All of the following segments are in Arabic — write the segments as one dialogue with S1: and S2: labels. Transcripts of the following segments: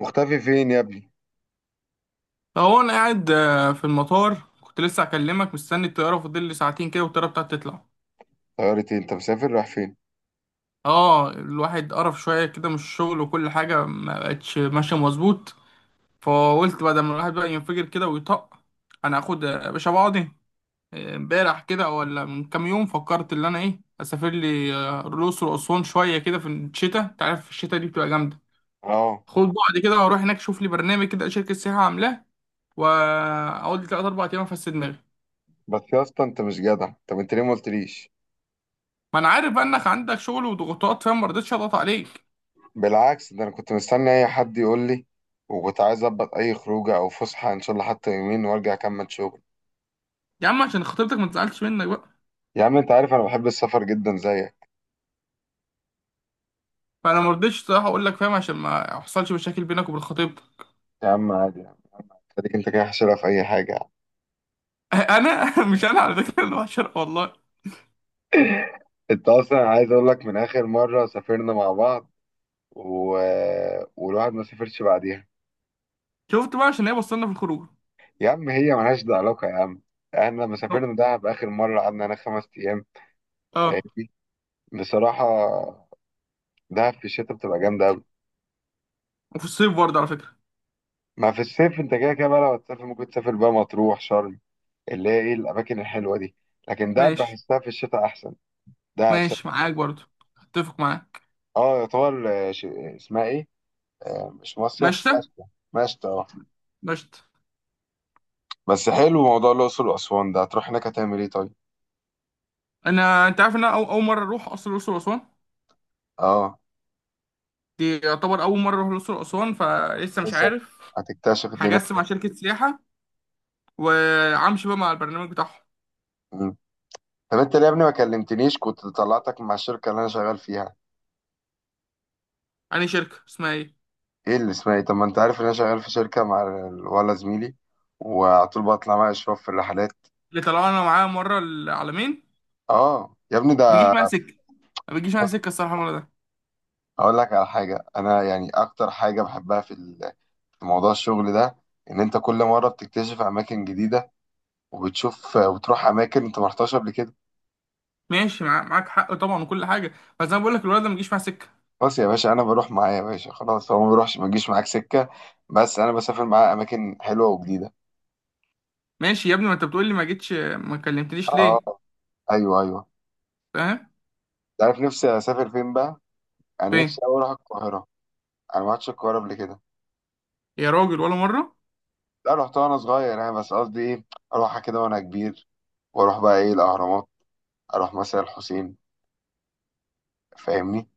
S1: مختفي فين يا ابني؟
S2: هو انا قاعد آه، في المطار كنت لسه هكلمك، مستني الطياره. فاضل لي ساعتين كده والطياره بتاعتي تطلع.
S1: طيارتي انت مسافر رايح فين؟
S2: اه، الواحد قرف شويه كده من الشغل وكل حاجه ما بقتش ماشيه مظبوط. فقلت بدل ما الواحد بقى ينفجر كده ويطق، انا هاخد يا باشا بعضي. امبارح كده ولا من كام يوم فكرت ان انا ايه اسافر لي الاقصر واسوان شويه كده في الشتاء. انت عارف الشتاء دي بتبقى جامده.
S1: اه،
S2: خد بعضي كده واروح هناك، اشوف لي برنامج كده شركه سياحه عاملاه، واقعد لي 3 4 ايام افسد دماغي.
S1: بس يا اسطى انت مش جدع، طب انت ليه ما قلتليش؟
S2: ما انا عارف بقى انك عندك شغل وضغوطات، فاهم، ما رضيتش اضغط عليك.
S1: بالعكس، ده انا كنت مستني اي حد يقول لي، وكنت عايز اظبط اي خروجه او فسحه ان شاء الله حتى يومين وارجع اكمل شغل.
S2: يا عم عشان خطيبتك ما تزعلش منك بقى.
S1: يا عم انت عارف انا بحب السفر جدا زيك.
S2: فانا ما رضيتش صراحه اقول لك، فاهم، عشان ما يحصلش مشاكل بينك وبين خطيبتك.
S1: يا عم عادي يعني، خليك انت كده حشرها في اي حاجه يعني.
S2: انا مش انا على فكره، انا بشر والله.
S1: انت اصلا عايز اقول لك، من اخر مره سافرنا مع بعض و... والواحد ما سافرش بعديها.
S2: شفت بقى عشان هي بصلنا في الخروج.
S1: يا عم هي ملهاش ده علاقه يا عم، احنا لما سافرنا دهب اخر مره قعدنا انا خمس ايام. فاهم؟
S2: اه،
S1: بصراحة، دهب في الشتاء بتبقى جامدة أوي.
S2: وفي الصيف برضه على فكره.
S1: ما في الصيف أنت كده كده بقى، لو هتسافر ممكن تسافر بقى مطروح، شرم، اللي هي إيه الأماكن الحلوة دي. لكن دهب
S2: ماشي.
S1: بحسها في الشتاء أحسن. دهب س...
S2: ماشي معاك برضه. اتفق معاك.
S1: أه يعتبر اسمها إيه؟ مش مصيف،
S2: مشتى.
S1: مشتى. مشتى أه.
S2: مشتى.
S1: بس حلو موضوع الأقصر وأسوان، ده هتروح هناك هتعمل إيه طيب؟
S2: انت عارف ان انا اول مره اروح اصلا الاقصر واسوان.
S1: أه.
S2: دي يعتبر اول مره اروح الاقصر واسوان، فلسه مش
S1: لسه،
S2: عارف.
S1: هتكتشف الدنيا.
S2: هجسم مع شركه سياحه، وامشي بقى مع البرنامج بتاعهم.
S1: مم. طب أنت ليه يا ابني ما كلمتنيش؟ كنت طلعتك مع الشركة اللي أنا شغال فيها.
S2: يعني شركة اسمها ايه؟
S1: ايه اللي اسمها ايه؟ طب ما انت عارف ان انا شغال في شركه مع ولا زميلي، وعلى طول بطلع مع اشراف في الرحلات.
S2: اللي طلعنا معاه مرة العالمين.
S1: اه يا ابني
S2: ما بيجيش
S1: ده.
S2: معاها سكة. ما بيجيش معاها سكة الصراحة المرة ده.
S1: اقول لك على حاجه، انا يعني اكتر حاجه بحبها في في موضوع الشغل ده، ان انت كل مره بتكتشف اماكن جديده، وبتشوف وتروح اماكن انت ما رحتهاش قبل كده.
S2: ماشي، معاك حق طبعا وكل حاجة. بس انا بقول لك الولد ده ما بيجيش معاه سكة.
S1: خلاص يا باشا، انا بروح معاه يا باشا، خلاص هو ما بيروحش ما بيجيش معاك سكه، بس انا بسافر معاه اماكن حلوه وجديده.
S2: ماشي يا ابني، ما انت بتقول لي ما جيتش ما كلمتنيش ليه؟
S1: اه. ايوه ايوه.
S2: فاهم.
S1: انت عارف نفسي اسافر فين بقى؟ انا
S2: فين؟
S1: نفسي أوي اروح القاهره. انا ما رحتش القاهره قبل كده.
S2: يا راجل، ولا مرة؟
S1: لا، رحت وانا صغير يعني، بس قصدي ايه، اروحها كده وانا كبير، واروح بقى ايه الاهرامات، اروح مثلا الحسين، فاهمني،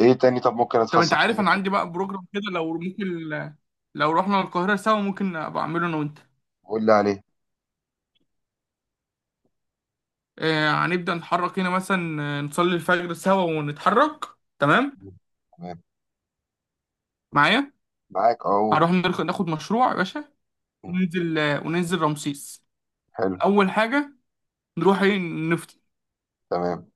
S1: ايه تاني طب ممكن
S2: طب انت
S1: اتفسح
S2: عارف انا
S1: فيه؟
S2: عندي بقى بروجرام كده، لو ممكن لو رحنا القاهرة سوا ممكن ابقى اعمله انا وانت.
S1: قول لي عليه.
S2: هنبدأ نتحرك هنا مثلا، نصلي الفجر سوا ونتحرك. تمام.
S1: تمام.
S2: معايا.
S1: معاك، اقول.
S2: هنروح ناخد مشروع يا باشا، وننزل رمسيس.
S1: حلو.
S2: اول حاجه نروح ايه نفطر.
S1: تمام.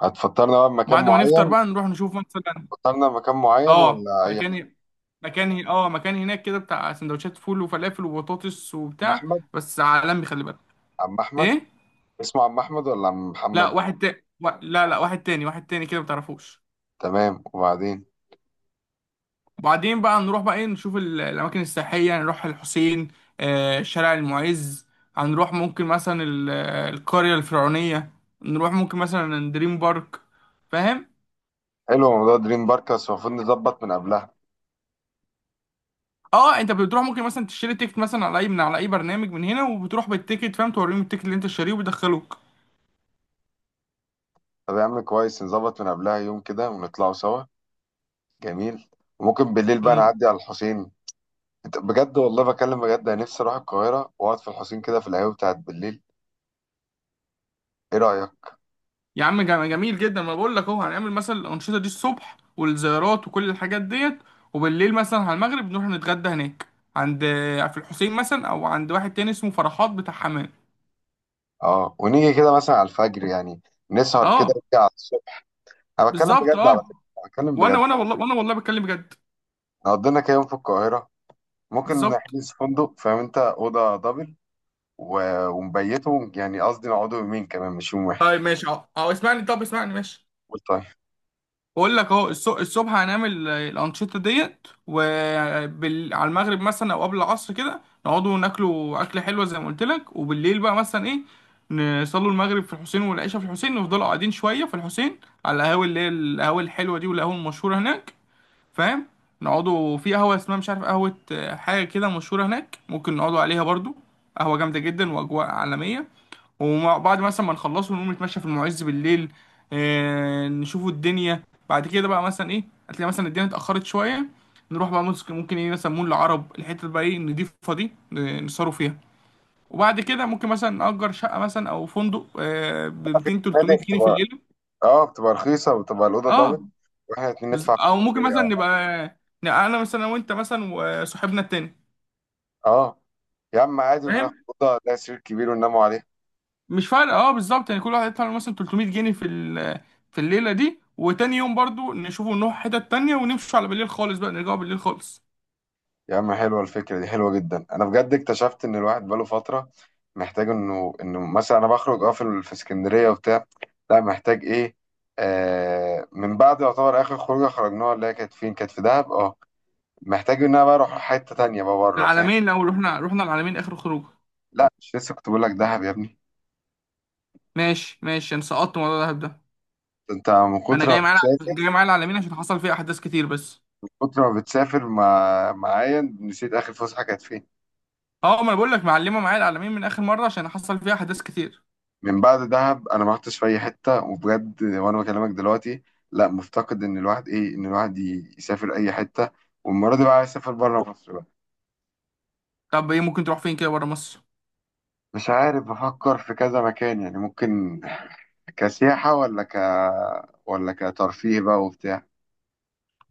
S1: هتفطرنا بقى بمكان
S2: بعد ما نفطر
S1: معين؟
S2: بقى نروح نشوف مثلا.
S1: فطرنا بمكان معين
S2: اه،
S1: ولا اي حاجة؟
S2: مكان. مكان هناك كده، بتاع سندوتشات فول وفلافل وبطاطس
S1: عم
S2: وبتاع.
S1: احمد.
S2: بس عالمي، خلي بالك.
S1: عم احمد.
S2: ايه؟
S1: اسمه عم احمد ولا عم
S2: لا
S1: محمد؟
S2: واحد تاني لا، لا، واحد تاني واحد تاني كده ما تعرفوش.
S1: تمام، وبعدين؟
S2: وبعدين بقى نروح بقى ايه، نشوف الاماكن السياحيه، نروح الحسين، شارع المعز. هنروح ممكن مثلا القريه الفرعونيه، نروح ممكن مثلا دريم بارك. فاهم.
S1: حلو موضوع دريم بارك، بس المفروض نظبط من قبلها.
S2: اه، انت بتروح ممكن مثلا تشتري تيكت مثلا على اي، من على اي برنامج من هنا، وبتروح بالتيكت، فاهم، توريهم التيكت اللي انت شاريه وبيدخلوك.
S1: طب يا عم كويس، نظبط من قبلها يوم كده ونطلعوا سوا. جميل. وممكن بالليل بقى
S2: امم.
S1: نعدي على الحسين. انت بجد والله بكلم بجد، انا نفسي اروح القاهره واقعد في الحسين كده في القهوه بتاعت بالليل. ايه رايك؟
S2: يا عم جميل جدا. ما بقول لك اهو هنعمل مثلا الانشطه دي الصبح والزيارات وكل الحاجات ديت. وبالليل مثلا على المغرب نروح نتغدى هناك. عند، في الحسين مثلا، او عند واحد تاني اسمه فرحات بتاع حمام.
S1: اه، ونيجي كده مثلا على الفجر يعني، نسهر كده
S2: اه،
S1: ونيجي على الصبح. انا بتكلم
S2: بالظبط،
S1: بجد على
S2: اه.
S1: فكره، بتكلم
S2: وانا
S1: بجد.
S2: وانا والله وانا والله بتكلم بجد.
S1: نقضي لنا كده يوم في القاهره، ممكن
S2: بالظبط.
S1: نحجز فندق فاهم انت، اوضه دبل، ونبيته، يعني قصدي نقعدوا يومين كمان مش يوم واحد.
S2: طيب ماشي، اه، اه، اسمعني، طب اسمعني، ماشي.
S1: قول طيب.
S2: بقول لك اهو الصبح هنعمل الانشطه ديت، وعلى المغرب مثلا او قبل العصر كده نقعدوا ناكلوا اكله حلوه زي ما قلت لك، وبالليل بقى مثلا ايه، نصلوا المغرب في الحسين والعشاء في الحسين، نفضلوا قاعدين شويه في الحسين على القهاوي اللي هي القهاوي الحلوه دي، والقهوه المشهوره هناك، فاهم. نقعدوا في قهوه اسمها مش عارف، قهوه حاجه كده مشهوره هناك، ممكن نقعدوا عليها برضو. قهوه جامده جدا واجواء عالميه. وبعد مثلا ما نخلصه نقوم نتمشى في المعز بالليل، نشوفوا الدنيا. بعد كده بقى مثلا ايه، هتلاقي مثلا الدنيا اتأخرت شوية. نروح بقى ممكن ايه، مثلا مول العرب الحتة بقى ايه نضيفها دي، نسهروا فيها. وبعد كده ممكن مثلا نأجر شقة مثلا أو فندق، ب 200
S1: نادي
S2: 300 جنيه في
S1: بتبقى،
S2: الليل.
S1: اه بتبقى رخيصه وبتبقى الاوضه دبل،
S2: اه.
S1: واحنا الاتنين ندفع
S2: أو ممكن
S1: 500
S2: مثلا
S1: أو
S2: نبقى،
S1: حاجة.
S2: نبقى أنا مثلا وأنت مثلا وصاحبنا التاني،
S1: اه يا عم عادي، وناخد
S2: فاهم.
S1: اوضه لها سرير كبير ونناموا عليه.
S2: مش فارقه، اه، بالظبط. يعني كل واحد يدفع له مثلا 300 جنيه في في الليله دي، وتاني يوم برضو نشوفه، نروح حتت تانية، ونمشي على بالليل خالص، بقى نرجعوا بالليل خالص.
S1: يا عم حلوة الفكرة دي، حلوة جدا. أنا بجد اكتشفت إن الواحد بقاله فترة محتاج إنه مثلا أنا بخرج أه في في اسكندرية وبتاع. لا محتاج إيه، آه من بعد يعتبر آخر خروجة خرجناها اللي هي كانت فين، كانت في دهب أه. محتاج إن أنا بقى أروح حتة تانية بقى بره، فاهم.
S2: العلمين، لو رحنا العلمين اخر خروج.
S1: لا مش لسه، كنت بقول لك دهب يا ابني.
S2: ماشي، ماشي، انا سقطت موضوع الدهب ده.
S1: أنت من
S2: انا
S1: كتر ما
S2: جاي معايا الع-
S1: بتسافر،
S2: جاي معايا العلمين عشان حصل فيها احداث كتير بس.
S1: من كتر ما بتسافر معايا نسيت آخر فسحة كانت فين.
S2: اه، ما انا بقول لك معلمه معايا العلمين من اخر مره عشان حصل فيها احداث كتير.
S1: من بعد دهب انا ما رحتش في اي حته وبجد، وانا بكلمك دلوقتي. لا، مفتقد ان الواحد ايه، ان الواحد يسافر اي حته. والمره دي بقى عايز اسافر بره مصر بقى.
S2: طب ايه ممكن تروح فين كده بره مصر؟
S1: مش عارف، بفكر في كذا مكان يعني، ممكن كسياحه، ولا ك، ولا كترفيه بقى وبتاع.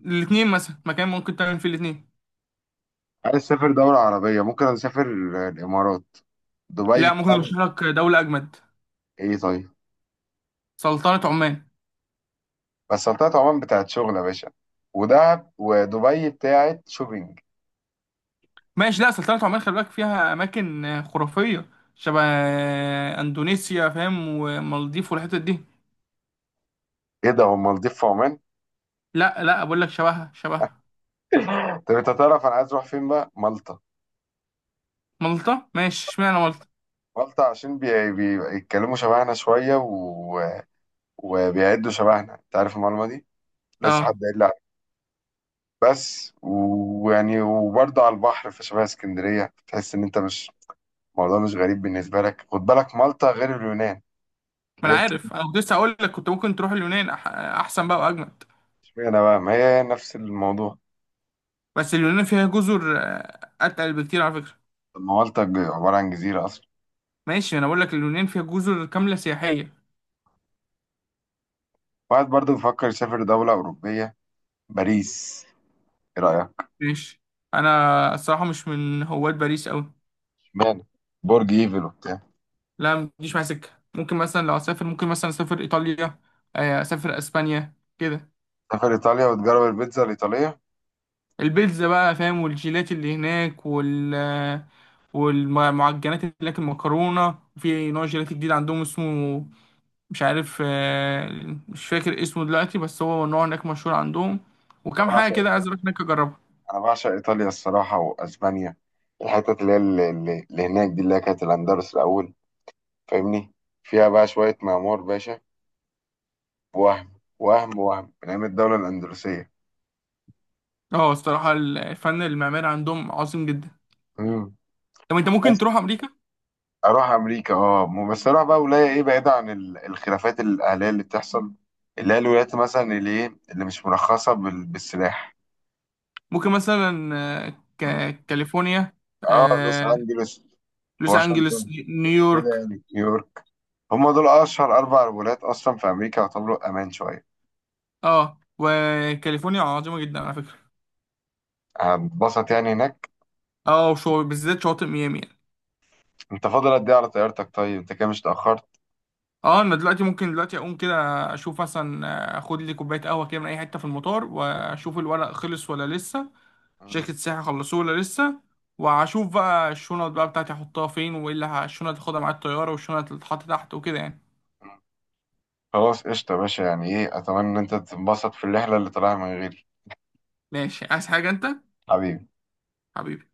S2: الاثنين، مثلا مكان ممكن تعمل فيه الاثنين.
S1: عايز اسافر دوله عربيه، ممكن اسافر الامارات. دبي
S2: لا، ممكن
S1: بتعمل
S2: ارشح لك دوله اجمد.
S1: ايه طيب؟
S2: سلطنه عمان.
S1: بس سلطنة عمان بتاعت شغل يا باشا، ودهب ودبي بتاعت شوبينج.
S2: ماشي، لا سلطنة عمان خلي بالك فيها أماكن خرافية. شبه أندونيسيا، فاهم، ومالديف والحتت دي.
S1: ايه ده، هو المالديف في عمان؟
S2: لا، لا، بقول لك شبهها، شبهها.
S1: طب انت تعرف انا عايز اروح فين بقى؟ مالطا.
S2: مالطا. ماشي، اشمعنى مالطا؟
S1: مالطا عشان بيتكلموا شبهنا شوية وبيعدوا شبهنا، انت عارف المعلومة دي لسه
S2: اه،
S1: حد قايل لي عليها. بس ويعني، وبرضه على البحر فشبه اسكندرية، تحس ان انت مش الموضوع مش غريب بالنسبة لك. خد بالك مالطا غير اليونان.
S2: ما أنا
S1: غير كده
S2: عارف، أنا كنت لسه أقول لك كنت ممكن تروح اليونان أحسن بقى وأجمد.
S1: اشمعنى بقى، ما هي نفس الموضوع.
S2: بس اليونان فيها جزر أتقل بكتير على فكرة.
S1: طب ما مالطا عبارة عن جزيرة أصلا.
S2: ماشي، أنا بقول لك اليونان فيها جزر كاملة سياحية.
S1: واحد برضه بيفكر يسافر دولة أوروبية، باريس، ايه رأيك؟
S2: ماشي. أنا الصراحة مش من هواة باريس أوي.
S1: اشمعنى؟ برج ايفل وبتاع.
S2: لا، ما تجيش معايا سكة. ممكن مثلا لو أسافر ممكن مثلا أسافر إيطاليا، أسافر أسبانيا كده.
S1: سافر إيطاليا وتجرب البيتزا الإيطالية.
S2: البيتزا بقى، فاهم، والجيلات اللي هناك والمعجنات اللي هناك، المكرونة، في نوع جيلاتي جديد عندهم اسمه مش عارف، مش فاكر اسمه دلوقتي، بس هو نوع هناك مشهور عندهم.
S1: أنا
S2: وكم حاجة كده
S1: بعشق
S2: عايز اروح هناك اجربها.
S1: انا بعشق ايطاليا الصراحه، واسبانيا. الحتت اللي هي اللي، اللي هناك دي، اللي هي كانت الاندلس الاول، فاهمني، فيها بقى شويه معمار باشا، وهم وهم من ايام الدوله الاندلسيه.
S2: اه، الصراحة الفن المعماري عندهم عظيم جدا.
S1: امم.
S2: طب انت ممكن
S1: بس
S2: تروح امريكا.
S1: اروح امريكا اه، بس اروح بقى ولايه ايه بعيده عن الخلافات الاهليه اللي بتحصل، اللي هي الولايات مثلا اللي ايه اللي مش مرخصه بالسلاح.
S2: ممكن مثلا آه، كاليفورنيا،
S1: اه، لوس
S2: آه،
S1: انجلوس،
S2: لوس انجلوس،
S1: واشنطن، كده
S2: نيويورك.
S1: يعني، نيويورك. هم دول اشهر اربع ولايات اصلا في امريكا، يعتبروا امان شويه.
S2: اه، وكاليفورنيا عظيمة جدا على فكرة.
S1: هتبسط يعني هناك.
S2: اه، وشو بالذات شواطئ ميامي.
S1: انت فاضل قد ايه على طيارتك طيب؟ انت كده مش اتأخرت؟
S2: اه، انا دلوقتي، ممكن دلوقتي اقوم كده، اشوف مثلا اخد لي كوبايه قهوه كده من اي حته في المطار، واشوف الورق خلص ولا لسه،
S1: مم.
S2: شركه السياحه خلصوه ولا لسه. واشوف بقى الشنط بقى بتاعتي احطها فين، وايه اللي الشنط اللي هاخدها مع الطياره والشنط اللي تتحط تحت، وكده يعني.
S1: خلاص قشطة يا باشا، يعني ايه، اتمنى ان انت تتبسط في الرحلة اللي طالعها من غيري.
S2: ماشي، عايز حاجه انت؟
S1: حبيبي.
S2: حبيبي.